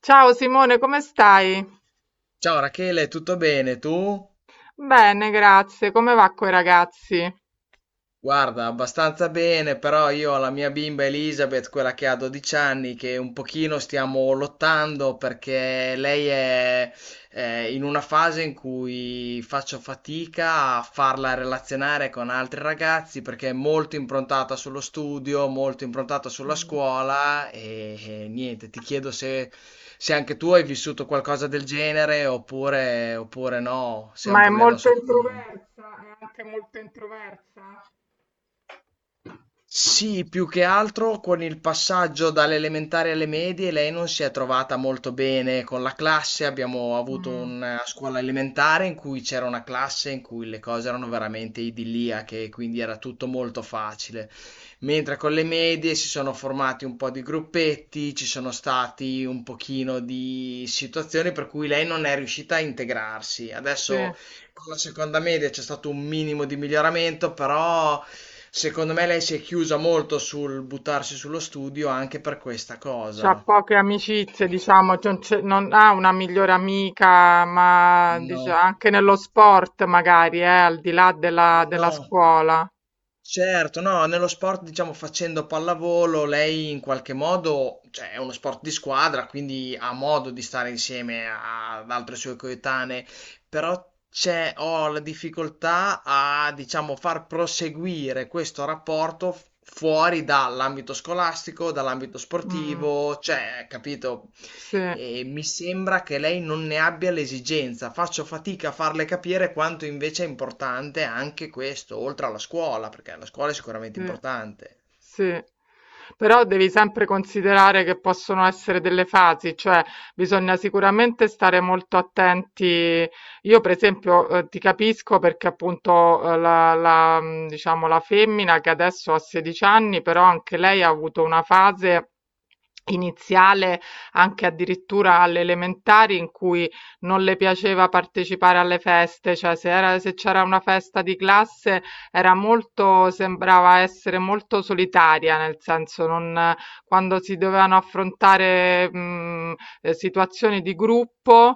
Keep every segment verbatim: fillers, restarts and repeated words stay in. Ciao Simone, come stai? Ciao Rachele, tutto bene? Tu? Bene, grazie. Come va coi ragazzi? Guarda, abbastanza bene, però io ho la mia bimba Elizabeth, quella che ha dodici anni, che un pochino stiamo lottando perché lei è eh, in una fase in cui faccio fatica a farla relazionare con altri ragazzi perché è molto improntata sullo studio, molto improntata sulla Mm. scuola e, e niente, ti chiedo se, se anche tu hai vissuto qualcosa del genere oppure, oppure no, se è un Ma è problema molto solo mio. introversa? È anche molto introversa? Sì, più che altro con il passaggio dalle elementari alle medie lei non si è trovata molto bene con la classe. Abbiamo avuto Mm, una scuola elementare in cui c'era una classe in cui le cose erano veramente idilliache, quindi era tutto molto facile. Mentre con le medie si sono formati un po' di gruppetti, ci sono stati un pochino di situazioni per cui lei non è riuscita a integrarsi. sì. Adesso con la seconda media c'è stato un minimo di miglioramento, però secondo me lei si è chiusa molto sul buttarsi sullo studio anche per questa C'ha cosa. poche amicizie, diciamo, non c'è- non ha una migliore amica, ma dice- No, anche nello sport magari, eh, al di là della, della no. scuola. Certo, no, nello sport, diciamo, facendo pallavolo, lei in qualche modo, cioè, è uno sport di squadra, quindi ha modo di stare insieme a- ad altre sue coetanee, però c'è, ho la difficoltà a, diciamo, far proseguire questo rapporto f- fuori dall'ambito scolastico, dall'ambito Mm, sportivo, cioè, capito? sì, E mi sembra che lei non ne abbia l'esigenza. Faccio fatica a farle capire quanto invece è importante anche questo, oltre alla scuola, perché la scuola è sicuramente sì. importante. Sì. Però devi sempre considerare che possono essere delle fasi, cioè bisogna sicuramente stare molto attenti. Io, per esempio, eh, ti capisco perché appunto eh, la, la, mh, diciamo, la femmina che adesso ha sedici anni, però anche lei ha avuto una fase iniziale, anche addirittura alle elementari, in cui non le piaceva partecipare alle feste, cioè se era, se c'era una festa di classe era molto sembrava essere molto solitaria, nel senso non quando si dovevano affrontare, mhmm, ehm, situazioni di gruppo,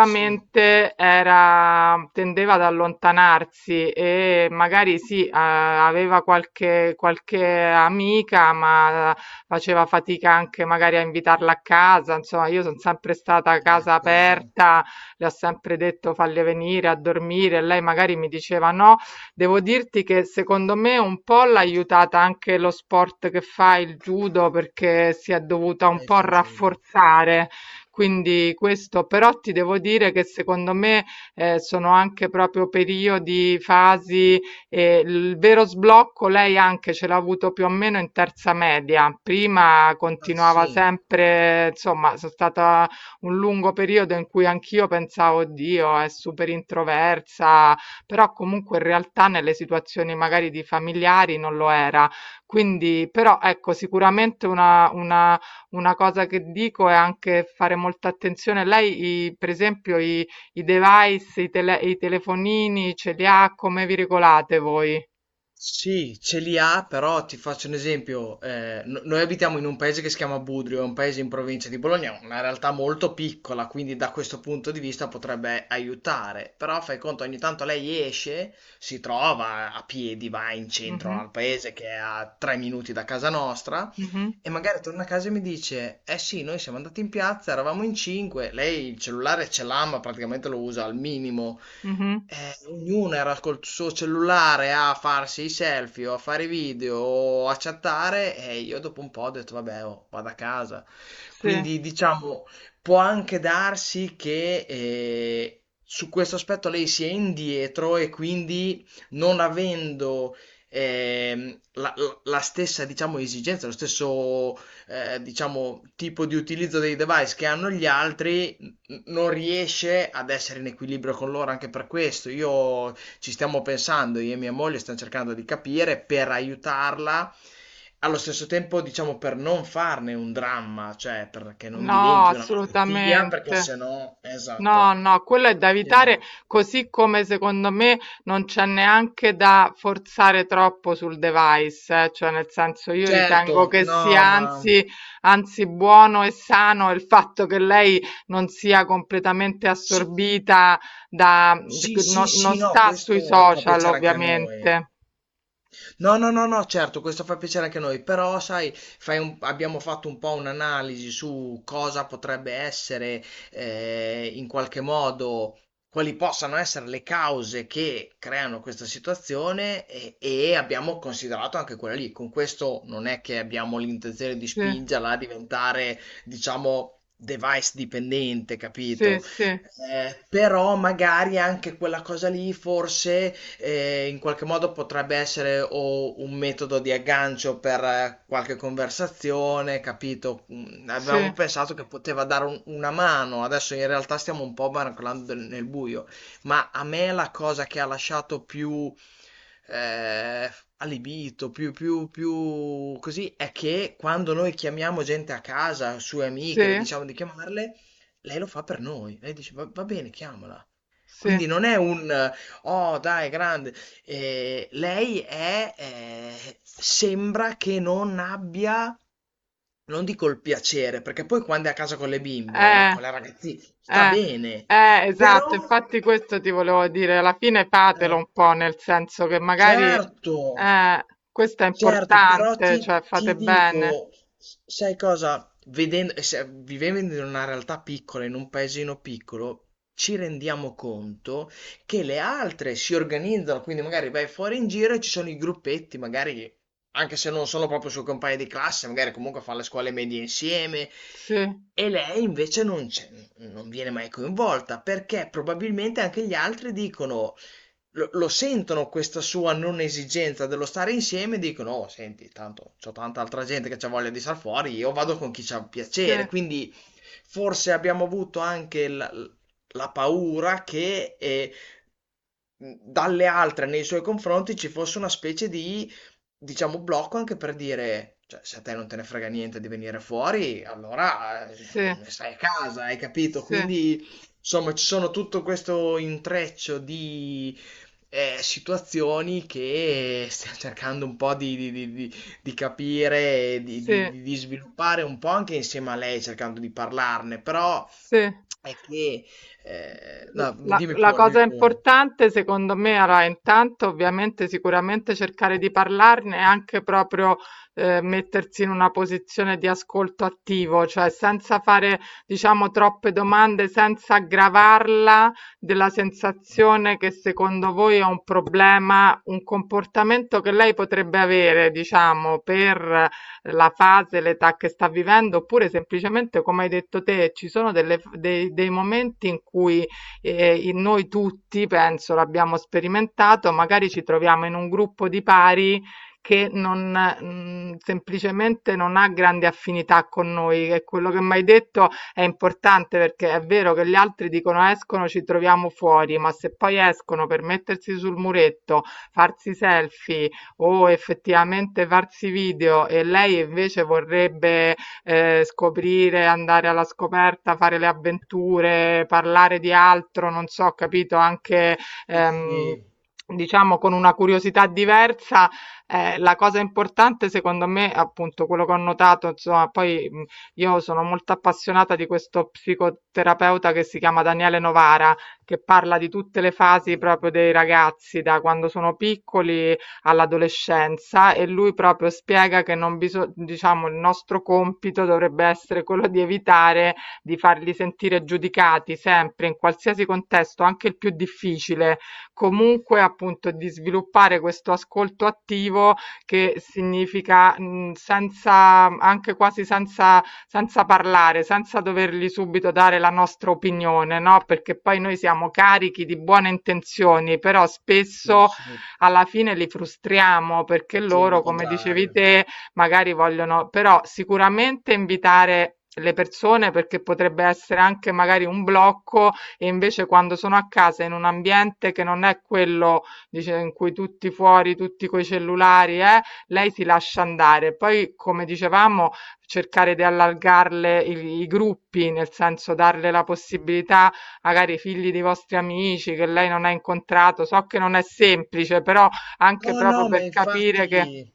Sì, era tendeva ad allontanarsi e magari sì, uhm, aveva qualche qualche amica, ma faceva fatica anche magari a invitarla a casa. Insomma, io son sempre stata a casa ecco, esatto. aperta, le ho sempre detto: "Falle venire a dormire", e lei magari mi diceva: "No". Devo dirti che secondo me un po' l'ha aiutata anche lo sport che fa, il judo, perché si è dovuta un Lei po' fa judo. rafforzare. Quindi questo, però ti devo dire che secondo me eh, sono anche proprio periodi, fasi, e il vero sblocco lei anche ce l'ha avuto più o meno in terza media. Prima Ah, continuava sì. sempre, insomma, sono stata un lungo periodo in cui anch'io pensavo, Dio, è super introversa, però comunque in realtà nelle situazioni magari di familiari non lo era. Quindi, però ecco, sicuramente una, una, una cosa che dico è anche fare molta attenzione. Lei, i- per esempio, i, i device, i, tele- i telefonini, ce li ha? Come vi regolate voi? Sì, ce li ha, però ti faccio un esempio. Eh, no- noi abitiamo in un paese che si chiama Budrio, è un paese in provincia di Bologna, una realtà molto piccola, quindi da questo punto di vista potrebbe aiutare. Però fai conto, ogni tanto lei esce, si trova a piedi, va in centro al Mhm, paese che è a tre minuti da casa nostra, mhm, e magari torna a casa e mi dice: eh sì, noi siamo andati in piazza, eravamo in cinque, lei il cellulare ce l'ha, ma praticamente lo usa al minimo. mhm. Eh, ognuno era col suo cellulare a farsi i selfie o a fare i video o a chattare e io dopo un po' ho detto vabbè, oh, vado a casa. Sì, Quindi diciamo, può anche darsi che eh, su questo aspetto lei sia indietro e quindi non avendo ehm, la, la- la stessa, diciamo, esigenza, lo stesso, eh, diciamo, tipo di utilizzo dei device che hanno gli altri, n- non riesce ad essere in equilibrio con loro anche per questo. Io ci stiamo pensando, io e mia moglie stiamo cercando di capire per aiutarla. Allo stesso tempo, diciamo, per non farne un dramma, cioè perché non no, diventi una malattia, perché se assolutamente. no, No, esatto, no, quello è da se evitare, no. così come secondo me non c'è neanche da forzare troppo sul device, eh, cioè nel senso io ritengo Certo, che sia no, ma anzi, anzi buono e sano il fatto che lei non sia completamente sì, assorbita da, sì, sì, no- non sì, no, sta sui questo fa social piacere anche a noi. ovviamente. No, no, no, no, certo, questo fa piacere anche a noi, però sai, fai un- abbiamo fatto un po' un'analisi su cosa potrebbe essere, eh, in qualche modo, quali possano essere le cause che creano questa situazione e, e abbiamo considerato anche quella lì. Con questo non è che abbiamo l'intenzione di Sì, spingerla a diventare, diciamo... device dipendente, sì, capito? sì, Eh, però magari anche quella cosa lì forse eh, in qualche modo potrebbe essere o un metodo di aggancio per eh, qualche conversazione, capito? Mm, sì, avevamo pensato che poteva dare un- una mano, adesso in realtà stiamo un po' barcolando nel buio, ma a me la cosa che ha lasciato più eh, allibito, più, più, più così, è che quando noi chiamiamo gente a casa, sue amiche, le sì, diciamo di chiamarle, lei lo fa per noi. Lei dice, va, va bene, chiamala. sì. Quindi non è un eh, "Oh, dai, grande". Ehm, lei è ehm, sembra che non abbia, non dico il piacere, perché poi quando è a casa con le bimbe, eh, con Eh. le ragazzi sta Eh, bene, eh, però esatto, infatti questo ti volevo dire, alla fine fatelo eh. un po', nel senso che magari Certo, eh, questo è certo, però importante, ti, cioè ti fate bene. dico, s- sai cosa? Vedendo, e se- Vivendo in una realtà piccola, in un paesino piccolo, ci rendiamo conto che le altre si organizzano, quindi magari vai fuori in giro e ci sono i gruppetti, magari anche se non sono proprio suoi compagni di classe, magari comunque fanno le scuole medie insieme. Sì, E lei invece non c'è, non viene mai coinvolta perché probabilmente anche gli altri dicono lo, lo sentono questa sua non esigenza dello stare insieme e dicono, oh, senti, tanto c'ho tanta altra gente che c'ha voglia di star fuori, io vado con chi c'ha sì, piacere. Quindi forse abbiamo avuto anche la, la paura che eh, mh, dalle altre nei suoi confronti ci fosse una specie di, diciamo, blocco anche per dire, cioè, se a te non te ne frega niente di venire fuori, allora eh, sì, stai a casa, hai capito? sì, Quindi, insomma, ci sono tutto questo intreccio di eh, situazioni che stiamo cercando un po' di, di- di- di- di capire, e di, di- sì, di- di sviluppare un po' anche insieme a lei, cercando di parlarne, però sì. è che... eh, no, La, dimmi la pure, dimmi cosa pure. importante secondo me, allora intanto ovviamente sicuramente cercare di parlarne e anche proprio eh, mettersi in una posizione di ascolto attivo, cioè senza fare diciamo troppe domande, senza aggravarla della sensazione che secondo voi è un problema, un comportamento che lei potrebbe avere diciamo per la fase, l'età che sta vivendo, oppure semplicemente come hai detto te, ci sono delle- dei, dei momenti in cui eh, in noi tutti, penso, l'abbiamo sperimentato, magari ci troviamo in un gruppo di pari che non, mh, semplicemente non ha grande affinità con noi, e quello che mi hai detto è importante perché è vero che gli altri dicono escono, ci troviamo fuori, ma se poi escono per mettersi sul muretto, farsi selfie o effettivamente farsi video e lei invece vorrebbe eh, scoprire, andare alla scoperta, fare le avventure, parlare di altro, non so, capito, anche Sì, ehm, sì, diciamo con una curiosità diversa. Eh, la cosa importante, secondo me, appunto, quello che ho notato, insomma, poi mh, io sono molto appassionata di questo psicoterapeuta che si chiama Daniele Novara, che parla di tutte le non fasi lo proprio dei conosco. ragazzi, da quando sono piccoli all'adolescenza e lui proprio spiega che non biso- diciamo, il nostro compito dovrebbe essere quello di evitare di farli sentire giudicati sempre, in qualsiasi contesto, anche il più difficile, comunque appunto di sviluppare questo ascolto attivo che significa mh, senza, anche quasi senza, senza parlare, senza dovergli subito dare la nostra opinione, no? Perché poi noi siamo carichi di buone intenzioni, però Sì, spesso sì, alla fine li frustriamo perché ottieni il loro, come dicevi contrario. te, magari vogliono, però sicuramente invitare le persone perché potrebbe essere anche magari un blocco e invece quando sono a casa in un ambiente che non è quello dice, in cui tutti fuori, tutti coi cellulari, eh, lei si lascia andare. Poi, come dicevamo, cercare di allargarle i, i gruppi, nel senso darle la possibilità magari i figli dei vostri amici che lei non ha incontrato. So che non è semplice, però anche No, proprio no, ma per capire che, infatti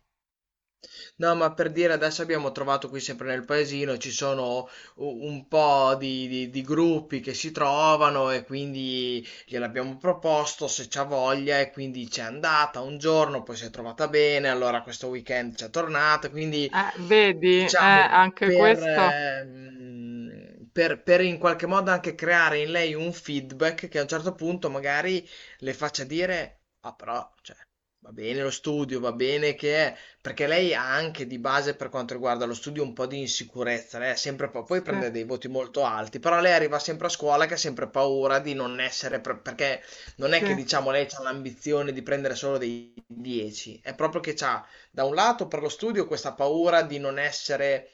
no, ma per dire adesso abbiamo trovato qui sempre nel paesino, ci sono u- un po' di, di- di gruppi che si trovano e quindi gliel'abbiamo proposto se c'ha voglia e quindi c'è andata un giorno, poi si è trovata bene, allora questo weekend c'è tornata, quindi eh, vedi, eh, diciamo anche per, questo. ehm, per, per in qualche modo anche creare in lei un feedback che a un certo punto magari le faccia dire, ah però, cioè, va bene lo studio, va bene che... è, perché lei ha anche di base per quanto riguarda lo studio un po' di insicurezza, lei ha sempre pa- poi Sì, prende dei voti molto alti, però lei arriva sempre a scuola che ha sempre paura di non essere, pre- perché non è sì, che diciamo lei ha l'ambizione di prendere solo dei dieci, è proprio che ha da un lato per lo studio questa paura di non essere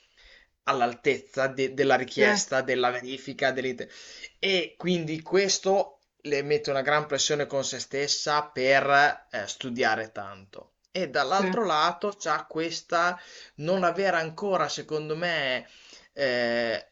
all'altezza de- della sì, richiesta, della verifica, dell'ite- e quindi questo le mette una gran pressione con se stessa per eh, studiare tanto. E sì, dall'altro lato c'ha questa non aver ancora, secondo me, eh,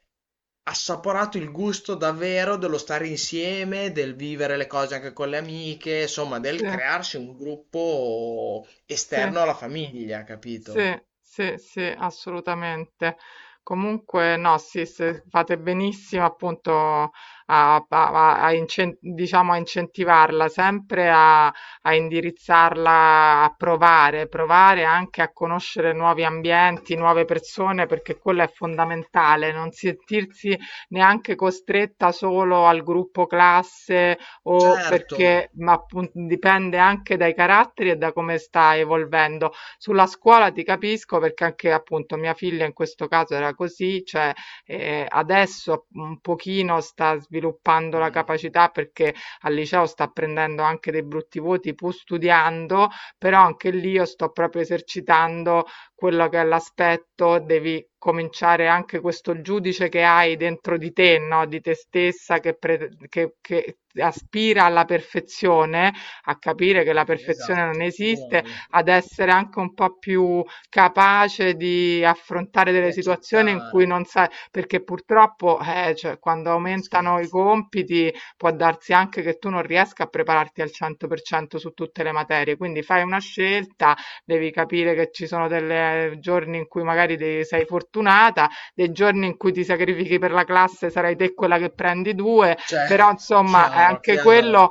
assaporato il gusto davvero dello stare insieme, del vivere le cose anche con le amiche, insomma, sì, del crearsi un gruppo sì. esterno alla famiglia, Sì, capito? sì, sì, assolutamente. Comunque, no, sì, se fate benissimo appunto a, a- a- a incen- diciamo, a incentivarla, sempre a, a indirizzarla a provare, provare anche a conoscere nuovi ambienti, nuove persone, perché quello è fondamentale, non sentirsi neanche costretta solo al gruppo classe o Certo, perché, ma appunto dipende anche dai caratteri e da come sta evolvendo sulla scuola ti capisco perché anche appunto mia figlia in questo caso era così, cioè eh, adesso un pochino sta sviluppando la meglio. capacità perché al liceo sta prendendo anche dei brutti voti pur studiando, però anche lì io sto proprio esercitando quello che è l'aspetto, devi cominciare anche questo giudice che hai dentro di te, no? Di te stessa che, pre- che, che aspira alla perfezione, a capire che la Eh, perfezione non Esatto, esiste uguale. ad essere anche un po' più capace di affrontare Di delle situazioni in cui accettare. non sai, perché purtroppo eh, cioè, quando Ma aumentano i scherzi. compiti può darsi anche che tu non riesca a prepararti al cento per cento su tutte le materie, quindi fai una scelta, devi capire che ci sono dei giorni in cui magari de- sei fortunata, dei giorni in cui ti sacrifichi per la classe sarai te quella che prendi due, però Certo, insomma è chiaro, anche chiaro. quello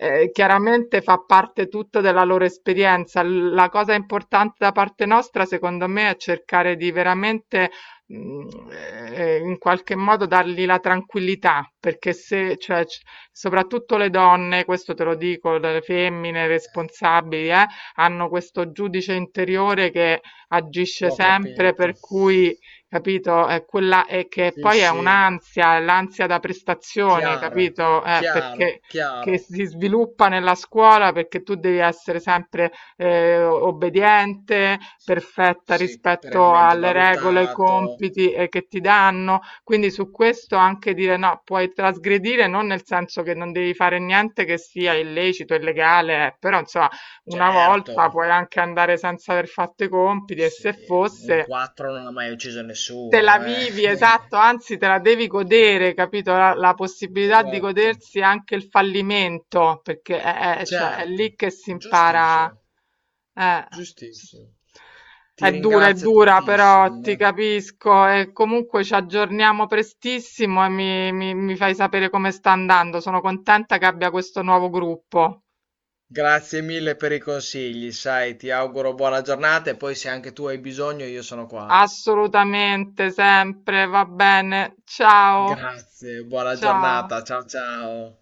eh, chiaramente fa parte tutto della loro esperienza. L- La cosa importante da parte nostra, secondo me, è cercare di veramente mh, eh, in qualche modo dargli la tranquillità, perché se, cioè, c- soprattutto le donne, questo te lo dico, le femmine Eh, responsabili, eh, hanno questo giudice interiore che agisce L'ho sempre, capito. per cui, capito, è quella e che Sì, poi è sì. un'ansia, è l'ansia da prestazione, Chiaro, capito? Eh, chiaro, perché che chiaro. si sviluppa nella scuola perché tu devi essere sempre eh, obbediente, perfetta Sì, rispetto perennemente alle regole, ai valutato, compiti eh, che ti danno. Quindi su questo anche dire no, puoi trasgredire non nel senso che non devi fare niente che sia illecito, illegale, eh, però insomma una certo. volta puoi anche andare senza aver fatto i compiti e Sì, se un fosse quattro non ha mai ucciso te nessuno, la eh. vivi, esatto, anzi te la devi godere, capito? La, la possibilità di Esatto. godersi anche il fallimento, perché è, è- cioè, è Certo, lì che si impara. giustissimo, Eh, sì. giustissimo. Ti È dura, è ringrazio dura, però tantissimo. ti Eh. capisco e comunque ci aggiorniamo prestissimo e mi, mi mi fai sapere come sta andando. Sono contenta che abbia questo nuovo gruppo. Grazie mille per i consigli, sai, ti auguro buona giornata e poi se anche tu hai bisogno io sono qua. Assolutamente, sempre, va bene. Ciao, Grazie, buona ciao. giornata, ciao ciao.